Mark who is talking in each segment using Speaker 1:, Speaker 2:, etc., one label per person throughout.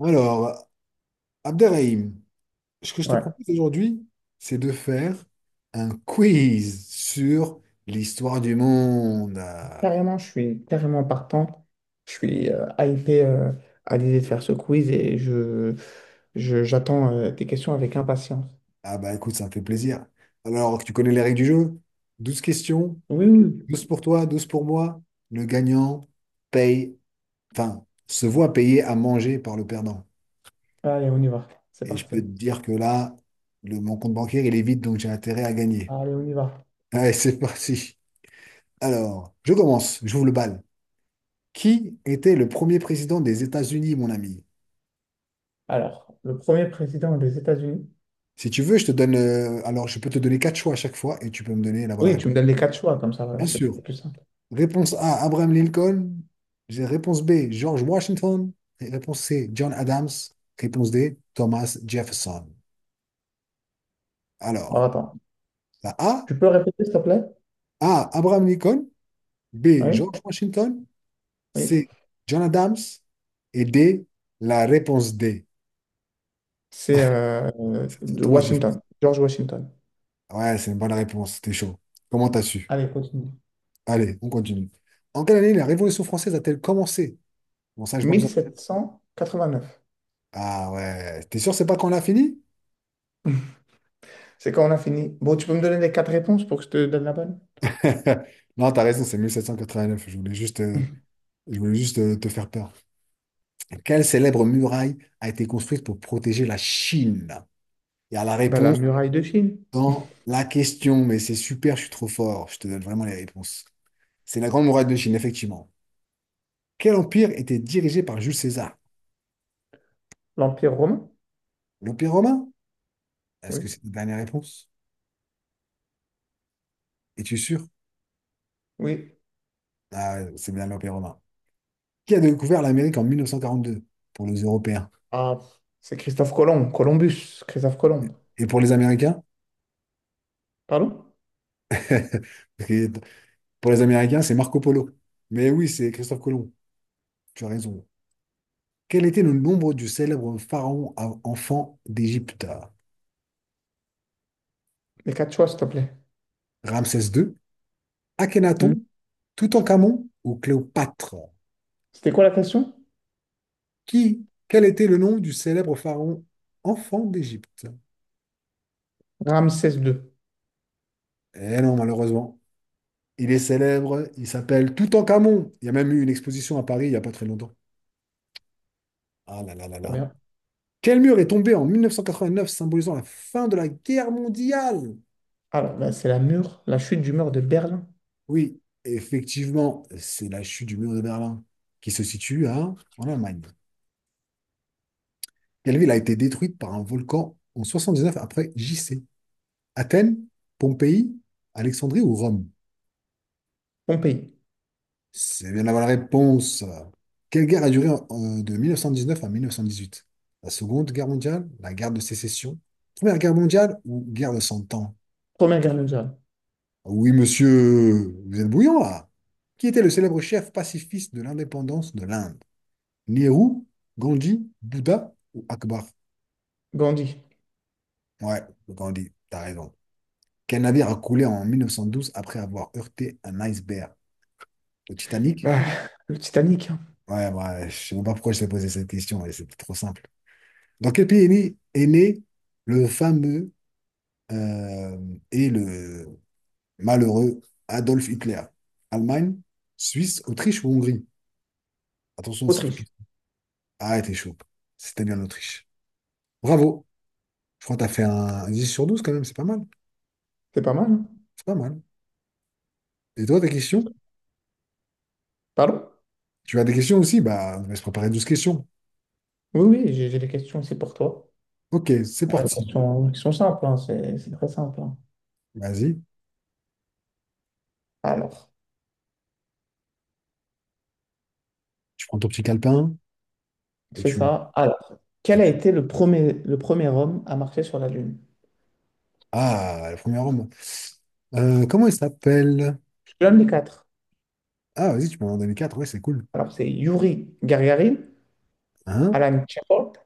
Speaker 1: Alors, Abderrahim, ce que je te
Speaker 2: Ouais,
Speaker 1: propose aujourd'hui, c'est de faire un quiz sur l'histoire du monde. Ah
Speaker 2: carrément, je suis carrément partant. Je suis hypé à l'idée de faire ce quiz et j'attends tes questions avec impatience.
Speaker 1: ah bah écoute, ça me fait plaisir. Alors, tu connais les règles du jeu? 12 questions,
Speaker 2: Oui, oui.
Speaker 1: 12 pour toi, 12 pour moi. Le gagnant paye, enfin, se voit payer à manger par le perdant.
Speaker 2: Allez, on y va. C'est
Speaker 1: Et je peux
Speaker 2: parti.
Speaker 1: te dire que là, mon compte bancaire, il est vide, donc j'ai intérêt à gagner.
Speaker 2: Allez, on y va.
Speaker 1: Allez, c'est parti. Alors, je commence, j'ouvre le bal. Qui était le premier président des États-Unis, mon ami?
Speaker 2: Alors, le premier président des États-Unis.
Speaker 1: Si tu veux, je peux te donner quatre choix à chaque fois et tu peux me donner la bonne
Speaker 2: Oui, tu
Speaker 1: réponse.
Speaker 2: me donnes les quatre choix, comme ça,
Speaker 1: Bien
Speaker 2: c'est
Speaker 1: sûr.
Speaker 2: plus simple.
Speaker 1: Réponse A, Abraham Lincoln. Réponse B, George Washington. Et réponse C, John Adams. Réponse D, Thomas Jefferson.
Speaker 2: Alors,
Speaker 1: Alors,
Speaker 2: attends.
Speaker 1: la A,
Speaker 2: Tu peux répéter, s'il te plaît?
Speaker 1: A, Abraham Lincoln. B,
Speaker 2: Oui,
Speaker 1: George Washington.
Speaker 2: oui.
Speaker 1: C, John Adams. Et D, la réponse D,
Speaker 2: C'est
Speaker 1: c'est
Speaker 2: de
Speaker 1: Thomas Jefferson.
Speaker 2: Washington, George Washington.
Speaker 1: Ouais, c'est une bonne réponse. T'es chaud. Comment t'as su?
Speaker 2: Allez, continue.
Speaker 1: Allez, on continue. En quelle année la Révolution française a-t-elle commencé? Bon, ça, j'ai pas besoin.
Speaker 2: 1789.
Speaker 1: Ah ouais, t'es sûr, c'est pas quand on a fini?
Speaker 2: C'est quand on a fini. Bon, tu peux me donner les quatre réponses pour que je te donne la bonne?
Speaker 1: Non, t'as raison, c'est 1789. Je voulais juste te faire peur. Quelle célèbre muraille a été construite pour protéger la Chine? Il y a la
Speaker 2: Bah, la
Speaker 1: réponse
Speaker 2: muraille de Chine,
Speaker 1: dans la question, mais c'est super, je suis trop fort. Je te donne vraiment les réponses. C'est la Grande Muraille de Chine, effectivement. Quel empire était dirigé par Jules César?
Speaker 2: l'Empire romain.
Speaker 1: L'Empire romain? Est-ce que
Speaker 2: Oui.
Speaker 1: c'est ta dernière réponse? Es-tu sûr?
Speaker 2: Oui.
Speaker 1: Ah, c'est bien l'Empire romain. Qui a découvert l'Amérique en 1942 pour les Européens?
Speaker 2: Ah, c'est Christophe Colomb, Columbus, Christophe Colomb.
Speaker 1: Et pour les Américains?
Speaker 2: Pardon?
Speaker 1: Parce que pour les Américains, c'est Marco Polo. Mais oui, c'est Christophe Colomb. Tu as raison. Quel était le nombre du célèbre pharaon enfant d'Égypte?
Speaker 2: Les quatre choix, s'il te plaît.
Speaker 1: Ramsès II,
Speaker 2: Hmm.
Speaker 1: Akhenaton, Toutankhamon ou Cléopâtre?
Speaker 2: C'était quoi la question?
Speaker 1: Qui? Quel était le nom du célèbre pharaon enfant d'Égypte?
Speaker 2: Ramsès II.
Speaker 1: Eh non, malheureusement. Il est célèbre, il s'appelle Toutankhamon. Il y a même eu une exposition à Paris il n'y a pas très longtemps. Ah là là là
Speaker 2: Très
Speaker 1: là.
Speaker 2: bien.
Speaker 1: Quel mur est tombé en 1989 symbolisant la fin de la guerre mondiale?
Speaker 2: Alors, là, c'est la mur, la chute du mur de Berlin.
Speaker 1: Oui, effectivement, c'est la chute du mur de Berlin qui se situe en Allemagne. Quelle ville a été détruite par un volcan en 79 après J-C? Athènes, Pompéi, Alexandrie ou Rome?
Speaker 2: Pompéi.
Speaker 1: C'est bien d'avoir la réponse. Quelle guerre a duré de 1919 à 1918? La Seconde Guerre mondiale, la guerre de sécession, Première Guerre mondiale ou guerre de Cent Ans?
Speaker 2: Première guerre mondiale.
Speaker 1: Oui, monsieur, vous êtes bouillant là. Qui était le célèbre chef pacifiste de l'indépendance de l'Inde? Nehru, Gandhi, Bouddha ou Akbar?
Speaker 2: Gandhi.
Speaker 1: Ouais, Gandhi, t'as raison. Quel navire a coulé en 1912 après avoir heurté un iceberg? Le Titanic?
Speaker 2: Bah, le Titanic, hein.
Speaker 1: Ouais, ouais, je sais même pas pourquoi je t'ai posé cette question, mais c'était trop simple. Dans quel pays est né le fameux euh, et le malheureux Adolf Hitler? Allemagne, Suisse, Autriche ou Hongrie? Attention, si tu
Speaker 2: Autriche.
Speaker 1: Ah, t'es chaud. C'était bien l'Autriche. Bravo. Je crois que t'as fait un 10 sur 12 quand même, c'est pas mal.
Speaker 2: C'est pas mal, hein.
Speaker 1: C'est pas mal. Et toi, tes questions?
Speaker 2: Pardon?
Speaker 1: Tu as des questions aussi? Bah, on va se préparer douze questions.
Speaker 2: Oui, oui, j'ai des questions aussi pour toi.
Speaker 1: Ok, c'est
Speaker 2: Ah, les
Speaker 1: parti.
Speaker 2: questions, qui sont simples, hein, c'est très simple, hein.
Speaker 1: Vas-y.
Speaker 2: Alors.
Speaker 1: Tu prends ton petit calepin et
Speaker 2: C'est ça. Alors,
Speaker 1: Et
Speaker 2: quel a
Speaker 1: tu...
Speaker 2: été le premier homme à marcher sur la Lune?
Speaker 1: Ah, le premier homme. Comment il s'appelle?
Speaker 2: Je te donne les quatre.
Speaker 1: Ah, vas-y, tu peux m'en donner 4. Ouais, c'est cool.
Speaker 2: Alors, c'est Yuri Gagarin,
Speaker 1: Hein?
Speaker 2: Alan Shepard,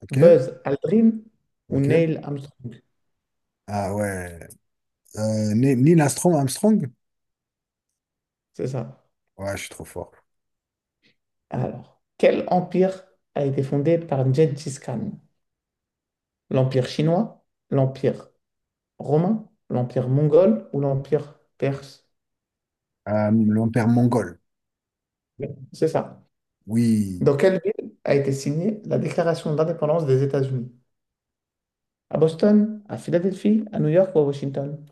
Speaker 1: Ok,
Speaker 2: Buzz Aldrin ou
Speaker 1: ok.
Speaker 2: Neil Armstrong.
Speaker 1: Ah ouais. Neil Armstrong, Armstrong?
Speaker 2: C'est ça.
Speaker 1: Ouais, je suis trop fort.
Speaker 2: Alors, quel empire a été fondé par Gengis Khan? L'empire chinois, l'empire romain, l'empire mongol ou l'empire perse?
Speaker 1: L'empire mongol.
Speaker 2: C'est ça.
Speaker 1: Oui.
Speaker 2: Dans quelle ville a été signée la déclaration d'indépendance des États-Unis? À Boston, à Philadelphie, à New York ou à Washington?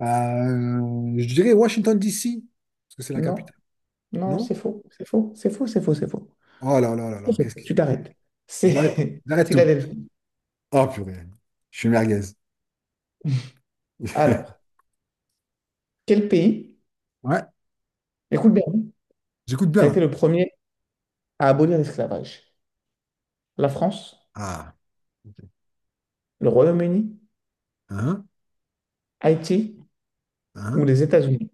Speaker 1: Je dirais Washington, D.C., parce que c'est la
Speaker 2: Non,
Speaker 1: capitale,
Speaker 2: non,
Speaker 1: non?
Speaker 2: c'est faux, c'est faux, c'est faux, c'est faux, c'est faux.
Speaker 1: Oh là là là
Speaker 2: C'est
Speaker 1: là,
Speaker 2: faux.
Speaker 1: qu'est-ce qui se
Speaker 2: Tu
Speaker 1: passe?
Speaker 2: t'arrêtes.
Speaker 1: Je m'arrête,
Speaker 2: C'est
Speaker 1: j'arrête tout.
Speaker 2: Philadelphie.
Speaker 1: Oh purée, je suis merguez.
Speaker 2: Alors, quel pays,
Speaker 1: Ouais,
Speaker 2: écoute bien,
Speaker 1: j'écoute bien
Speaker 2: a
Speaker 1: là.
Speaker 2: été le premier à abolir l'esclavage? La France,
Speaker 1: Ah, ok.
Speaker 2: le Royaume-Uni,
Speaker 1: Hein,
Speaker 2: Haïti ou
Speaker 1: hein.
Speaker 2: les États-Unis?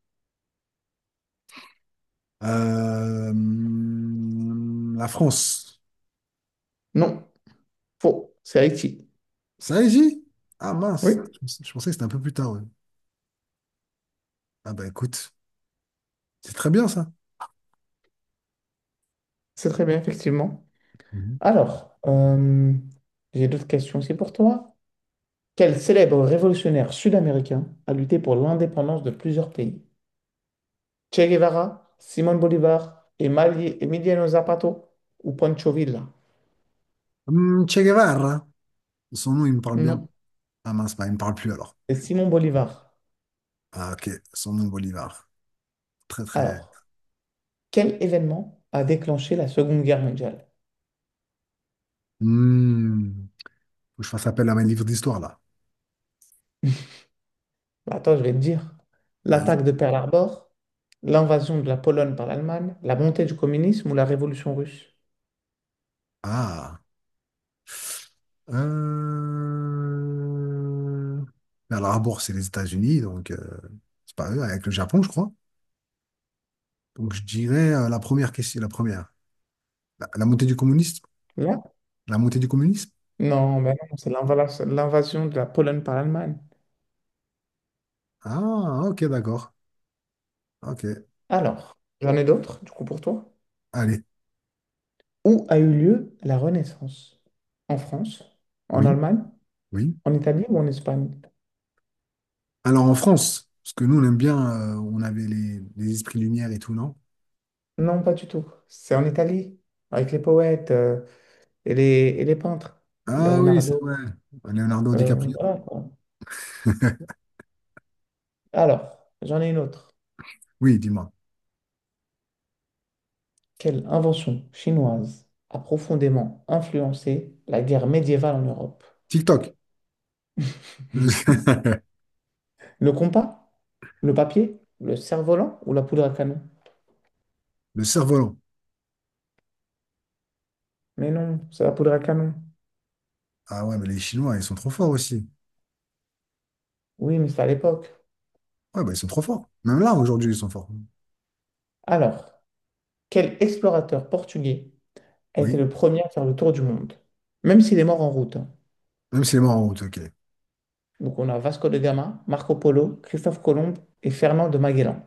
Speaker 1: La France,
Speaker 2: Non, faux, c'est Haïti.
Speaker 1: ça y est, j'y ah
Speaker 2: Oui,
Speaker 1: mince, je pensais que c'était un peu plus tard. Ouais. Ah bah écoute, c'est très bien ça.
Speaker 2: c'est très bien, effectivement.
Speaker 1: Mhm.
Speaker 2: Alors, j'ai d'autres questions aussi pour toi. Quel célèbre révolutionnaire sud-américain a lutté pour l'indépendance de plusieurs pays? Che Guevara, Simon Bolivar, Emiliano Zapato ou Pancho Villa?
Speaker 1: Che Guevara, son nom il me parle bien.
Speaker 2: Non.
Speaker 1: Ah mince, bah, il me parle plus alors.
Speaker 2: C'est Simon Bolivar.
Speaker 1: Ah ok, son nom Bolivar. Très très.
Speaker 2: Alors, quel événement a déclenché la Seconde Guerre mondiale?
Speaker 1: Hmm. Faut que je fasse appel à mes livres d'histoire, là.
Speaker 2: Bah, attends, je vais te dire.
Speaker 1: Vas-y.
Speaker 2: L'attaque de Pearl Harbor, l'invasion de la Pologne par l'Allemagne, la montée du communisme ou la révolution russe?
Speaker 1: Ah. Euh... Pearl Harbor, c'est les États-Unis, donc c'est pas eux, avec le Japon, je crois. Donc je dirais la première. La montée du communisme?
Speaker 2: Là?
Speaker 1: La montée du communisme?
Speaker 2: Non, ben non, c'est l'invasion de la Pologne par l'Allemagne.
Speaker 1: Ah, ok, d'accord. Ok.
Speaker 2: Alors, j'en ai d'autres, du coup, pour toi.
Speaker 1: Allez.
Speaker 2: Où a eu lieu la Renaissance? En France, en
Speaker 1: Oui,
Speaker 2: Allemagne,
Speaker 1: oui.
Speaker 2: en Italie ou en Espagne?
Speaker 1: Alors en France, parce que nous, on aime bien, on avait les esprits lumière et tout, non?
Speaker 2: Non, pas du tout. C'est en Italie, avec les poètes et les, et les peintres.
Speaker 1: Ah oui, c'est
Speaker 2: Leonardo.
Speaker 1: vrai. Leonardo DiCaprio.
Speaker 2: Voilà, quoi. Alors, j'en ai une autre.
Speaker 1: Oui, dis-moi.
Speaker 2: Quelle invention chinoise a profondément influencé la guerre médiévale en Europe?
Speaker 1: TikTok. Le
Speaker 2: Le compas? Le papier? Le cerf-volant ou la poudre à canon?
Speaker 1: cerf-volant.
Speaker 2: Mais non, c'est la poudre à canon.
Speaker 1: Ah ouais, mais les Chinois, ils sont trop forts aussi.
Speaker 2: Oui, mais c'est à l'époque.
Speaker 1: Ouais, bah ils sont trop forts. Même là, aujourd'hui, ils sont forts.
Speaker 2: Alors, quel explorateur portugais a été
Speaker 1: Oui.
Speaker 2: le premier à faire le tour du monde? Même s'il est mort en route, hein.
Speaker 1: Même s'il est mort en route, ok.
Speaker 2: Donc on a Vasco de Gama, Marco Polo, Christophe Colomb et Fernand de Magellan.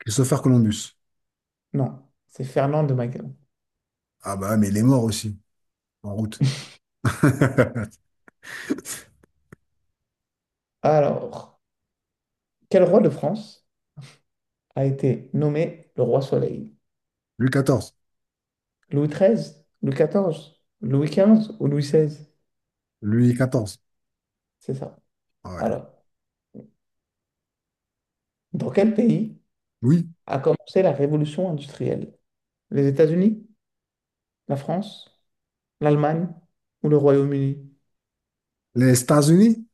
Speaker 1: Christopher Columbus.
Speaker 2: Non, c'est Fernand de Magellan.
Speaker 1: Ah bah, mais il est mort aussi, en route.
Speaker 2: Alors, quel roi de France a été nommé le roi Soleil?
Speaker 1: Louis XIV.
Speaker 2: Louis XIII, Louis XIV, Louis XV ou Louis XVI?
Speaker 1: Louis XIV.
Speaker 2: C'est ça.
Speaker 1: Ah ouais.
Speaker 2: Alors, dans quel pays
Speaker 1: Oui.
Speaker 2: a commencé la révolution industrielle? Les États-Unis, la France, l'Allemagne ou le Royaume-Uni?
Speaker 1: Les États-Unis?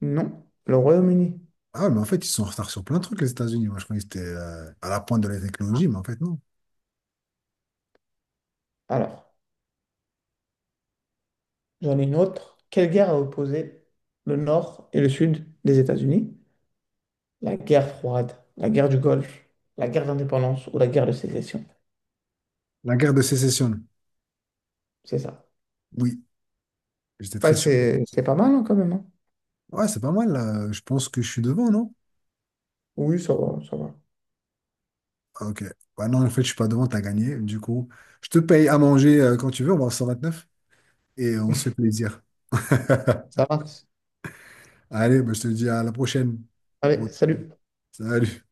Speaker 2: Non, le Royaume-Uni.
Speaker 1: Ah, mais en fait, ils sont en retard sur plein de trucs, les États-Unis. Moi, je croyais que c'était à la pointe de la technologie, mais en fait, non.
Speaker 2: Alors, j'en ai une autre. Quelle guerre a opposé le nord et le sud des États-Unis? La guerre froide, la guerre du Golfe, la guerre d'indépendance ou la guerre de sécession.
Speaker 1: La guerre de sécession.
Speaker 2: C'est ça.
Speaker 1: Oui. J'étais
Speaker 2: Bah,
Speaker 1: très sûr.
Speaker 2: c'est pas mal hein, quand même, hein.
Speaker 1: Ouais, c'est pas mal, là. Je pense que je suis devant, non?
Speaker 2: Oui, ça va, ça va.
Speaker 1: Ok. Bah non, en fait, je suis pas devant, t'as gagné. Du coup, je te paye à manger quand tu veux, on va en 129 et on se fait plaisir.
Speaker 2: Ça marche.
Speaker 1: Allez, bah, je te dis à la prochaine.
Speaker 2: Allez,
Speaker 1: Bon,
Speaker 2: salut.
Speaker 1: salut.